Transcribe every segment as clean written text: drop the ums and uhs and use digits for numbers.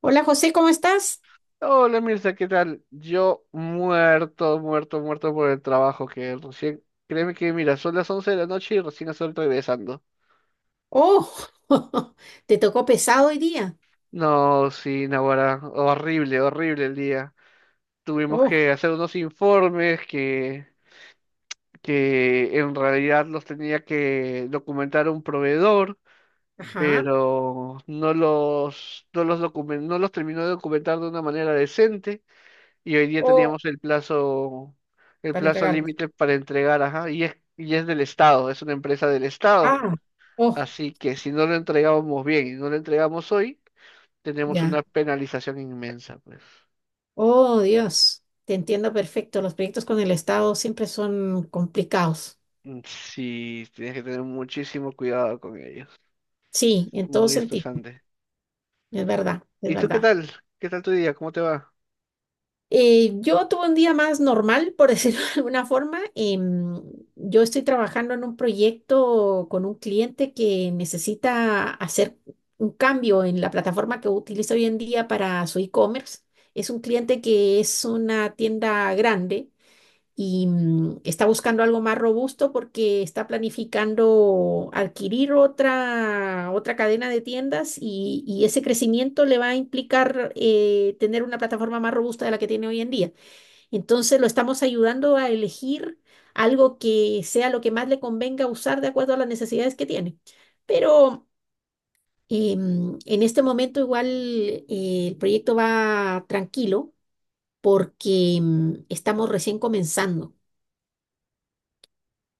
Hola José, ¿cómo estás? Hola Mirza, ¿qué tal? Yo muerto, muerto, muerto por el trabajo que recién, créeme que mira, son las 11 de la noche y recién estoy regresando. Oh, te tocó pesado hoy día. No, sí, Naguará, horrible, horrible el día. Tuvimos Oh, que hacer unos informes que en realidad los tenía que documentar un proveedor, ajá. pero no los terminó de documentar de una manera decente. Y hoy día Oh, teníamos el para plazo entregarlo. límite para entregar, ajá, y es del Estado, es una empresa del Estado. Ah, oh, Así que si no lo entregábamos bien y no lo entregamos hoy, tenemos ya. una penalización inmensa, pues. Oh, Dios, te entiendo perfecto. Los proyectos con el Estado siempre son complicados. Mm, sí, tienes que tener muchísimo cuidado con ellos. Sí, en todo Muy sentido. estresante. Es verdad, es ¿Y tú qué verdad. tal? ¿Qué tal tu día? ¿Cómo te va? Yo tuve un día más normal, por decirlo de alguna forma. Yo estoy trabajando en un proyecto con un cliente que necesita hacer un cambio en la plataforma que utiliza hoy en día para su e-commerce. Es un cliente que es una tienda grande y está buscando algo más robusto porque está planificando adquirir otra cadena de tiendas y ese crecimiento le va a implicar tener una plataforma más robusta de la que tiene hoy en día. Entonces lo estamos ayudando a elegir algo que sea lo que más le convenga usar de acuerdo a las necesidades que tiene. Pero en este momento igual el proyecto va tranquilo porque estamos recién comenzando.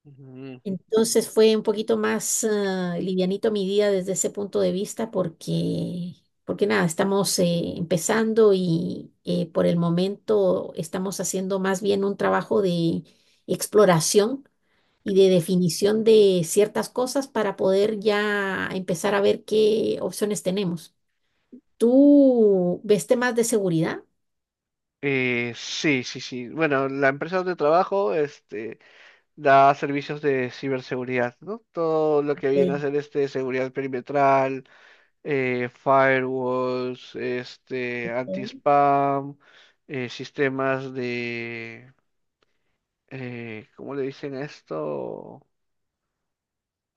Ujú. Entonces fue un poquito más livianito mi día desde ese punto de vista porque nada, estamos empezando y por el momento estamos haciendo más bien un trabajo de exploración y de definición de ciertas cosas para poder ya empezar a ver qué opciones tenemos. ¿Tú ves temas de seguridad? Sí, sí, sí. Bueno, la empresa donde trabajo, este, da servicios de ciberseguridad, ¿no? Todo lo que viene a Ok. ser este seguridad perimetral, firewalls, este anti-spam, sistemas de ¿cómo le dicen a esto?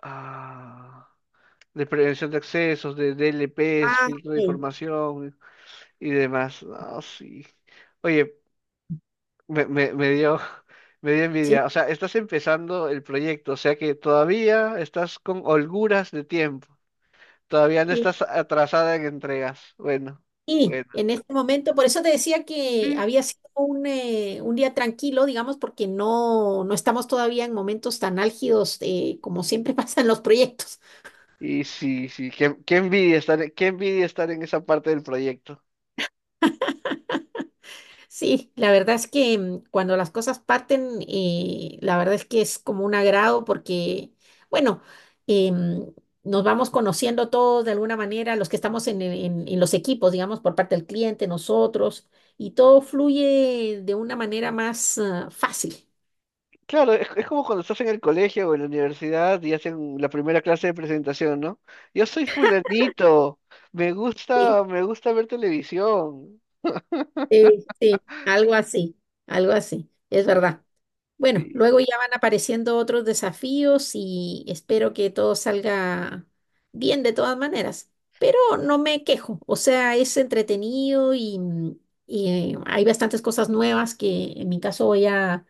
Ah, de prevención de accesos, de DLPs, Ah, filtro de ok. información y demás. Ah, sí. Oye, me dio, me dio Sí. envidia. O sea, estás empezando el proyecto, o sea que todavía estás con holguras de tiempo. Todavía no estás atrasada en entregas. Bueno, Sí, bueno. en este momento, por eso te decía que Sí. había sido un día tranquilo, digamos, porque no estamos todavía en momentos tan álgidos como siempre pasan los proyectos. Y sí, sí, qué, qué envidia estar en esa parte del proyecto. Sí, la verdad es que cuando las cosas parten, la verdad es que es como un agrado porque, bueno, em, nos vamos conociendo todos de alguna manera, los que estamos en, en los equipos, digamos, por parte del cliente, nosotros, y todo fluye de una manera más, fácil. Claro, es como cuando estás en el colegio o en la universidad y hacen la primera clase de presentación, ¿no? Yo soy fulanito, Sí. Me gusta ver televisión. Sí, sí, algo así, es verdad. Bueno, Sí. luego ya van apareciendo otros desafíos y espero que todo salga bien de todas maneras, pero no me quejo, o sea, es entretenido y, y, hay bastantes cosas nuevas que en mi caso voy a,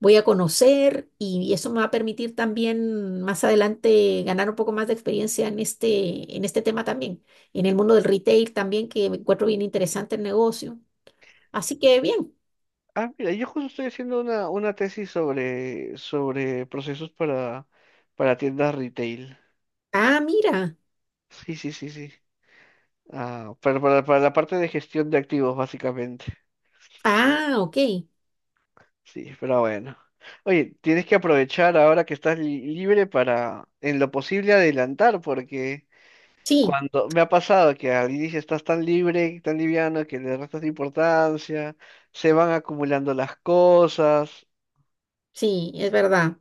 voy a conocer y eso me va a permitir también más adelante ganar un poco más de experiencia en este tema también, en el mundo del retail también, que encuentro bien interesante el negocio. Así que bien. Ah, mira, yo justo estoy haciendo una tesis sobre, sobre procesos para tiendas retail. Ah, mira. Sí, sí, sí, sí. Ah, para la parte de gestión de activos, básicamente. Ah, ok. Sí, pero bueno. Oye, tienes que aprovechar ahora que estás libre para, en lo posible, adelantar, porque Sí, cuando me ha pasado que al inicio estás tan libre, tan liviano, que le restas importancia, se van acumulando las cosas. sí, es verdad,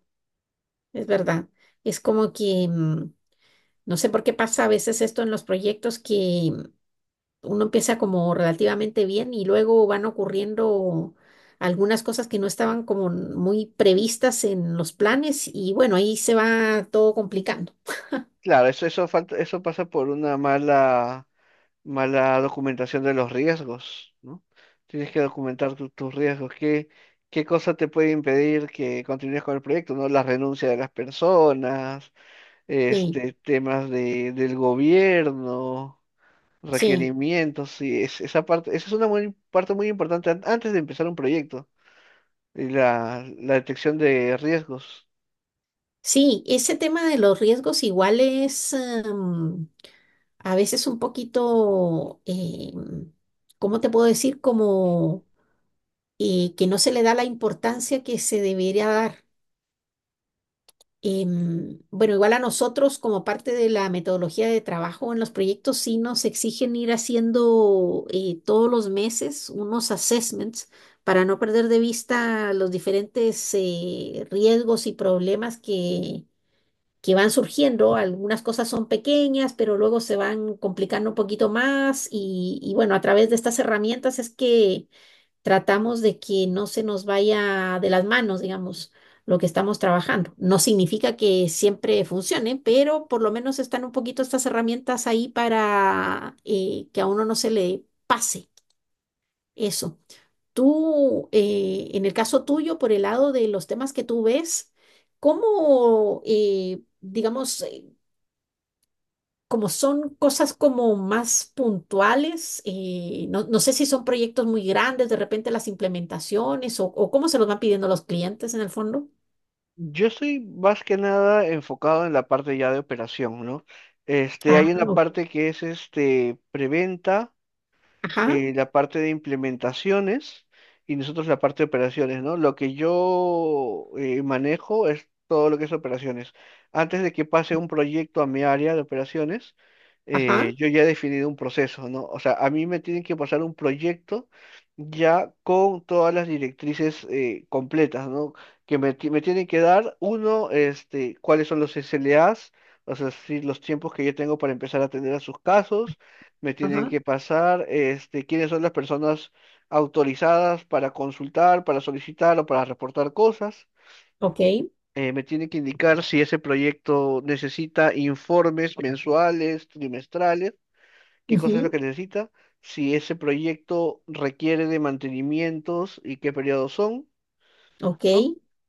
es verdad. Es como que, no sé por qué pasa a veces esto en los proyectos que uno empieza como relativamente bien y luego van ocurriendo algunas cosas que no estaban como muy previstas en los planes y bueno, ahí se va todo complicando. Claro, eso falta, eso pasa por una mala documentación de los riesgos, ¿no? Tienes que documentar tus riesgos. ¿Qué, qué cosa te puede impedir que continúes con el proyecto, ¿no? La renuncia de las personas, Sí, este, temas de, del gobierno, sí. requerimientos, sí, esa parte, esa es una parte muy importante antes de empezar un proyecto, y la detección de riesgos. Sí, ese tema de los riesgos igual es a veces un poquito, ¿cómo te puedo decir? Como que no se le da la importancia que se debería dar. Bueno, igual a nosotros como parte de la metodología de trabajo en los proyectos sí nos exigen ir haciendo todos los meses unos assessments para no perder de vista los diferentes riesgos y problemas que van surgiendo. Algunas cosas son pequeñas, pero luego se van complicando un poquito más y bueno, a través de estas herramientas es que tratamos de que no se nos vaya de las manos, digamos, lo que estamos trabajando. No significa que siempre funcione, pero por lo menos están un poquito estas herramientas ahí para que a uno no se le pase eso. Tú, en el caso tuyo, por el lado de los temas que tú ves, ¿cómo, digamos, como son cosas como más puntuales, no, no sé si son proyectos muy grandes, de repente las implementaciones o cómo se los van pidiendo los clientes en el fondo. Yo estoy más que nada enfocado en la parte ya de operación, ¿no? Este, hay Ah, una parte que es este preventa, ajá, la parte de implementaciones y nosotros la parte de operaciones, ¿no? Lo que yo manejo es todo lo que es operaciones. Antes de que pase un proyecto a mi área de operaciones, ajá, yo ya he definido un proceso, ¿no? O sea, a mí me tienen que pasar un proyecto ya con todas las directrices completas, ¿no? Me tienen que dar, uno, este, cuáles son los SLAs, o sea, sí, los tiempos que yo tengo para empezar a atender a sus casos, me tienen ajá, que pasar, este, quiénes son las personas autorizadas para consultar, para solicitar o para reportar cosas. ok, Me tienen que indicar si ese proyecto necesita informes mensuales, trimestrales, qué cosa es lo ujú, que necesita, si ese proyecto requiere de mantenimientos y qué periodos son, ok, ¿no?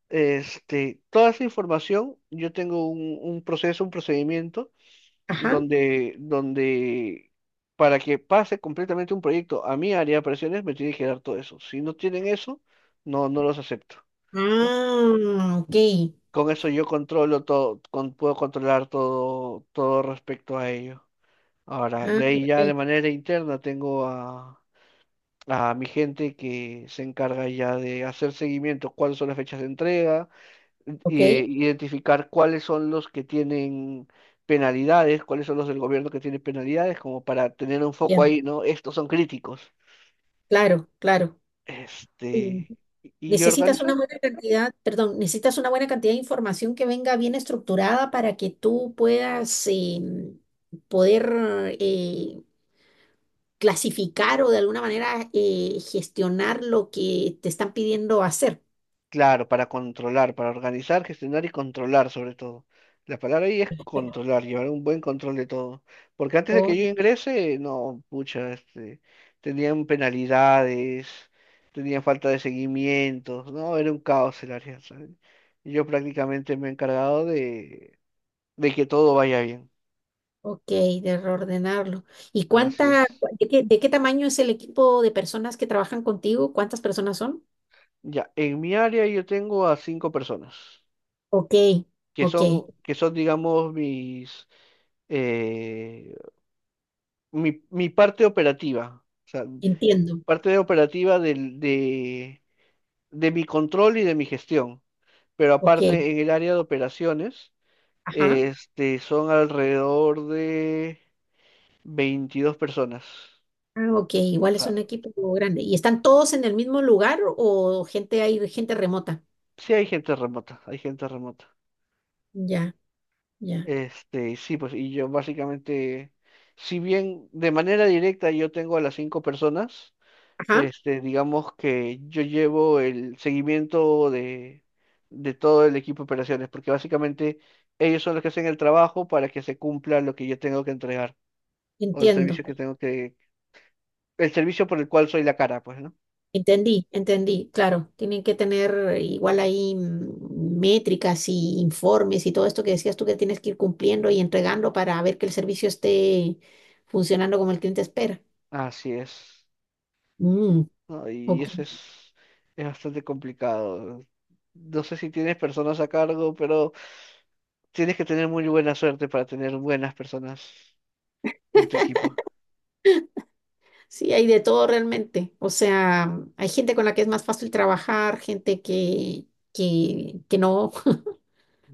Este, toda esa información, yo tengo un proceso, un procedimiento ajá, donde para que pase completamente un proyecto a mi área de operaciones me tiene que dar todo eso. Si no tienen eso, no, no los acepto. ¿No? ah, ok, Con eso yo controlo todo, puedo controlar todo, todo respecto a ello. Ahora, ah, de ahí ya de ok, manera interna tengo a mi gente que se encarga ya de hacer seguimiento, cuáles son las fechas de entrega, ok, identificar cuáles son los que tienen penalidades, cuáles son los del gobierno que tienen penalidades, como para tener un foco bien, ahí, ¿no? Estos son críticos. claro, claro. Este, y Necesitas organizar. una buena cantidad, perdón, necesitas una buena cantidad de información que venga bien estructurada para que tú puedas poder eh, clasificar o de alguna manera gestionar lo que te están pidiendo hacer. Claro, para controlar, para organizar, gestionar y controlar sobre todo. La palabra ahí es controlar, llevar un buen control de todo. Porque antes de que Oh, yo ingrese, no, pucha, este, tenían penalidades, tenían falta de seguimiento, no, era un caos el área, ¿sabes? Y yo prácticamente me he encargado de que todo vaya bien. ok, de reordenarlo. ¿Y Así cuánta, es. De qué tamaño es el equipo de personas que trabajan contigo? ¿Cuántas personas son? Ya, en mi área yo tengo a 5 personas, Ok, ok, que son, digamos, mis eh, mi parte operativa, o sea, entiendo. parte de operativa de mi control y de mi gestión, pero Ok, aparte en el área de operaciones, ajá. este, son alrededor de 22 personas. Ah, ok, O igual es sea, un equipo grande. ¿Y están todos en el mismo lugar o gente hay gente remota? sí hay gente remota, hay gente remota. Ya, ya. Este, sí, pues, y yo básicamente, si bien de manera directa yo tengo a las 5 personas, Ajá, este, digamos que yo llevo el seguimiento de todo el equipo de operaciones, porque básicamente ellos son los que hacen el trabajo para que se cumpla lo que yo tengo que entregar, o el entiendo. servicio que tengo que, el servicio por el cual soy la cara, pues, ¿no? Entendí, entendí. Claro, tienen que tener igual ahí métricas y informes y todo esto que decías tú que tienes que ir cumpliendo y entregando para ver que el servicio esté funcionando como el cliente espera. Así es, Mm, ¿no? Y ok. eso es bastante complicado. No sé si tienes personas a cargo, pero tienes que tener muy buena suerte para tener buenas personas en tu equipo. Sí, hay de todo realmente. O sea, hay gente con la que es más fácil trabajar, gente que no.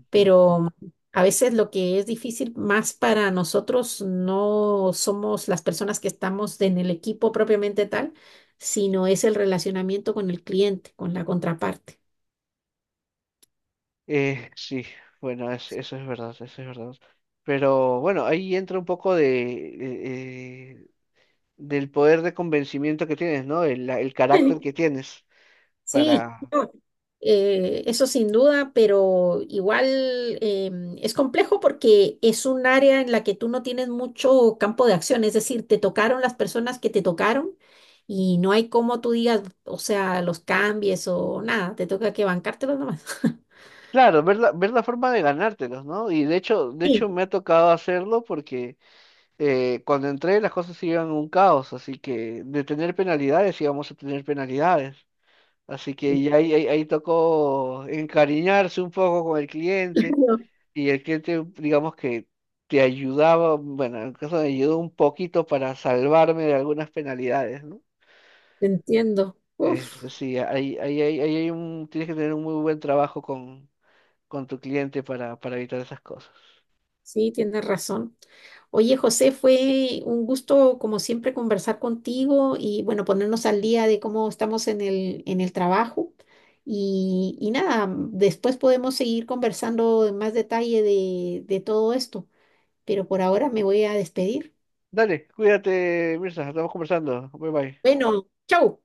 Pero a veces lo que es difícil más para nosotros no somos las personas que estamos en el equipo propiamente tal, sino es el relacionamiento con el cliente, con la contraparte. Sí, bueno, eso es verdad, eso es verdad. Pero bueno, ahí entra un poco de, del poder de convencimiento que tienes, ¿no? El carácter que tienes Sí, para, no, eso sin duda, pero igual es complejo porque es un área en la que tú no tienes mucho campo de acción, es decir, te tocaron las personas que te tocaron y no hay cómo tú digas, o sea, los cambies o nada, te toca que bancártelos nomás. claro, ver la forma de ganártelos, ¿no? Y de Sí, hecho me ha tocado hacerlo porque cuando entré las cosas iban a un caos, así que de tener penalidades íbamos a tener penalidades. Así que ya ahí, ahí tocó encariñarse un poco con el cliente claro, y el cliente, digamos que te ayudaba, bueno, en el caso me ayudó un poquito para salvarme de algunas penalidades, ¿no? te entiendo. Uf, Este, sí, ahí, ahí, ahí hay un, tienes que tener un muy buen trabajo con tu cliente para evitar esas cosas. sí, tienes razón. Oye, José, fue un gusto, como siempre, conversar contigo y, bueno, ponernos al día de cómo estamos en el trabajo. Y nada, después podemos seguir conversando en más detalle de todo esto, pero por ahora me voy a despedir. Dale, cuídate, Mirza, estamos conversando. Bye bye. Bueno, chau.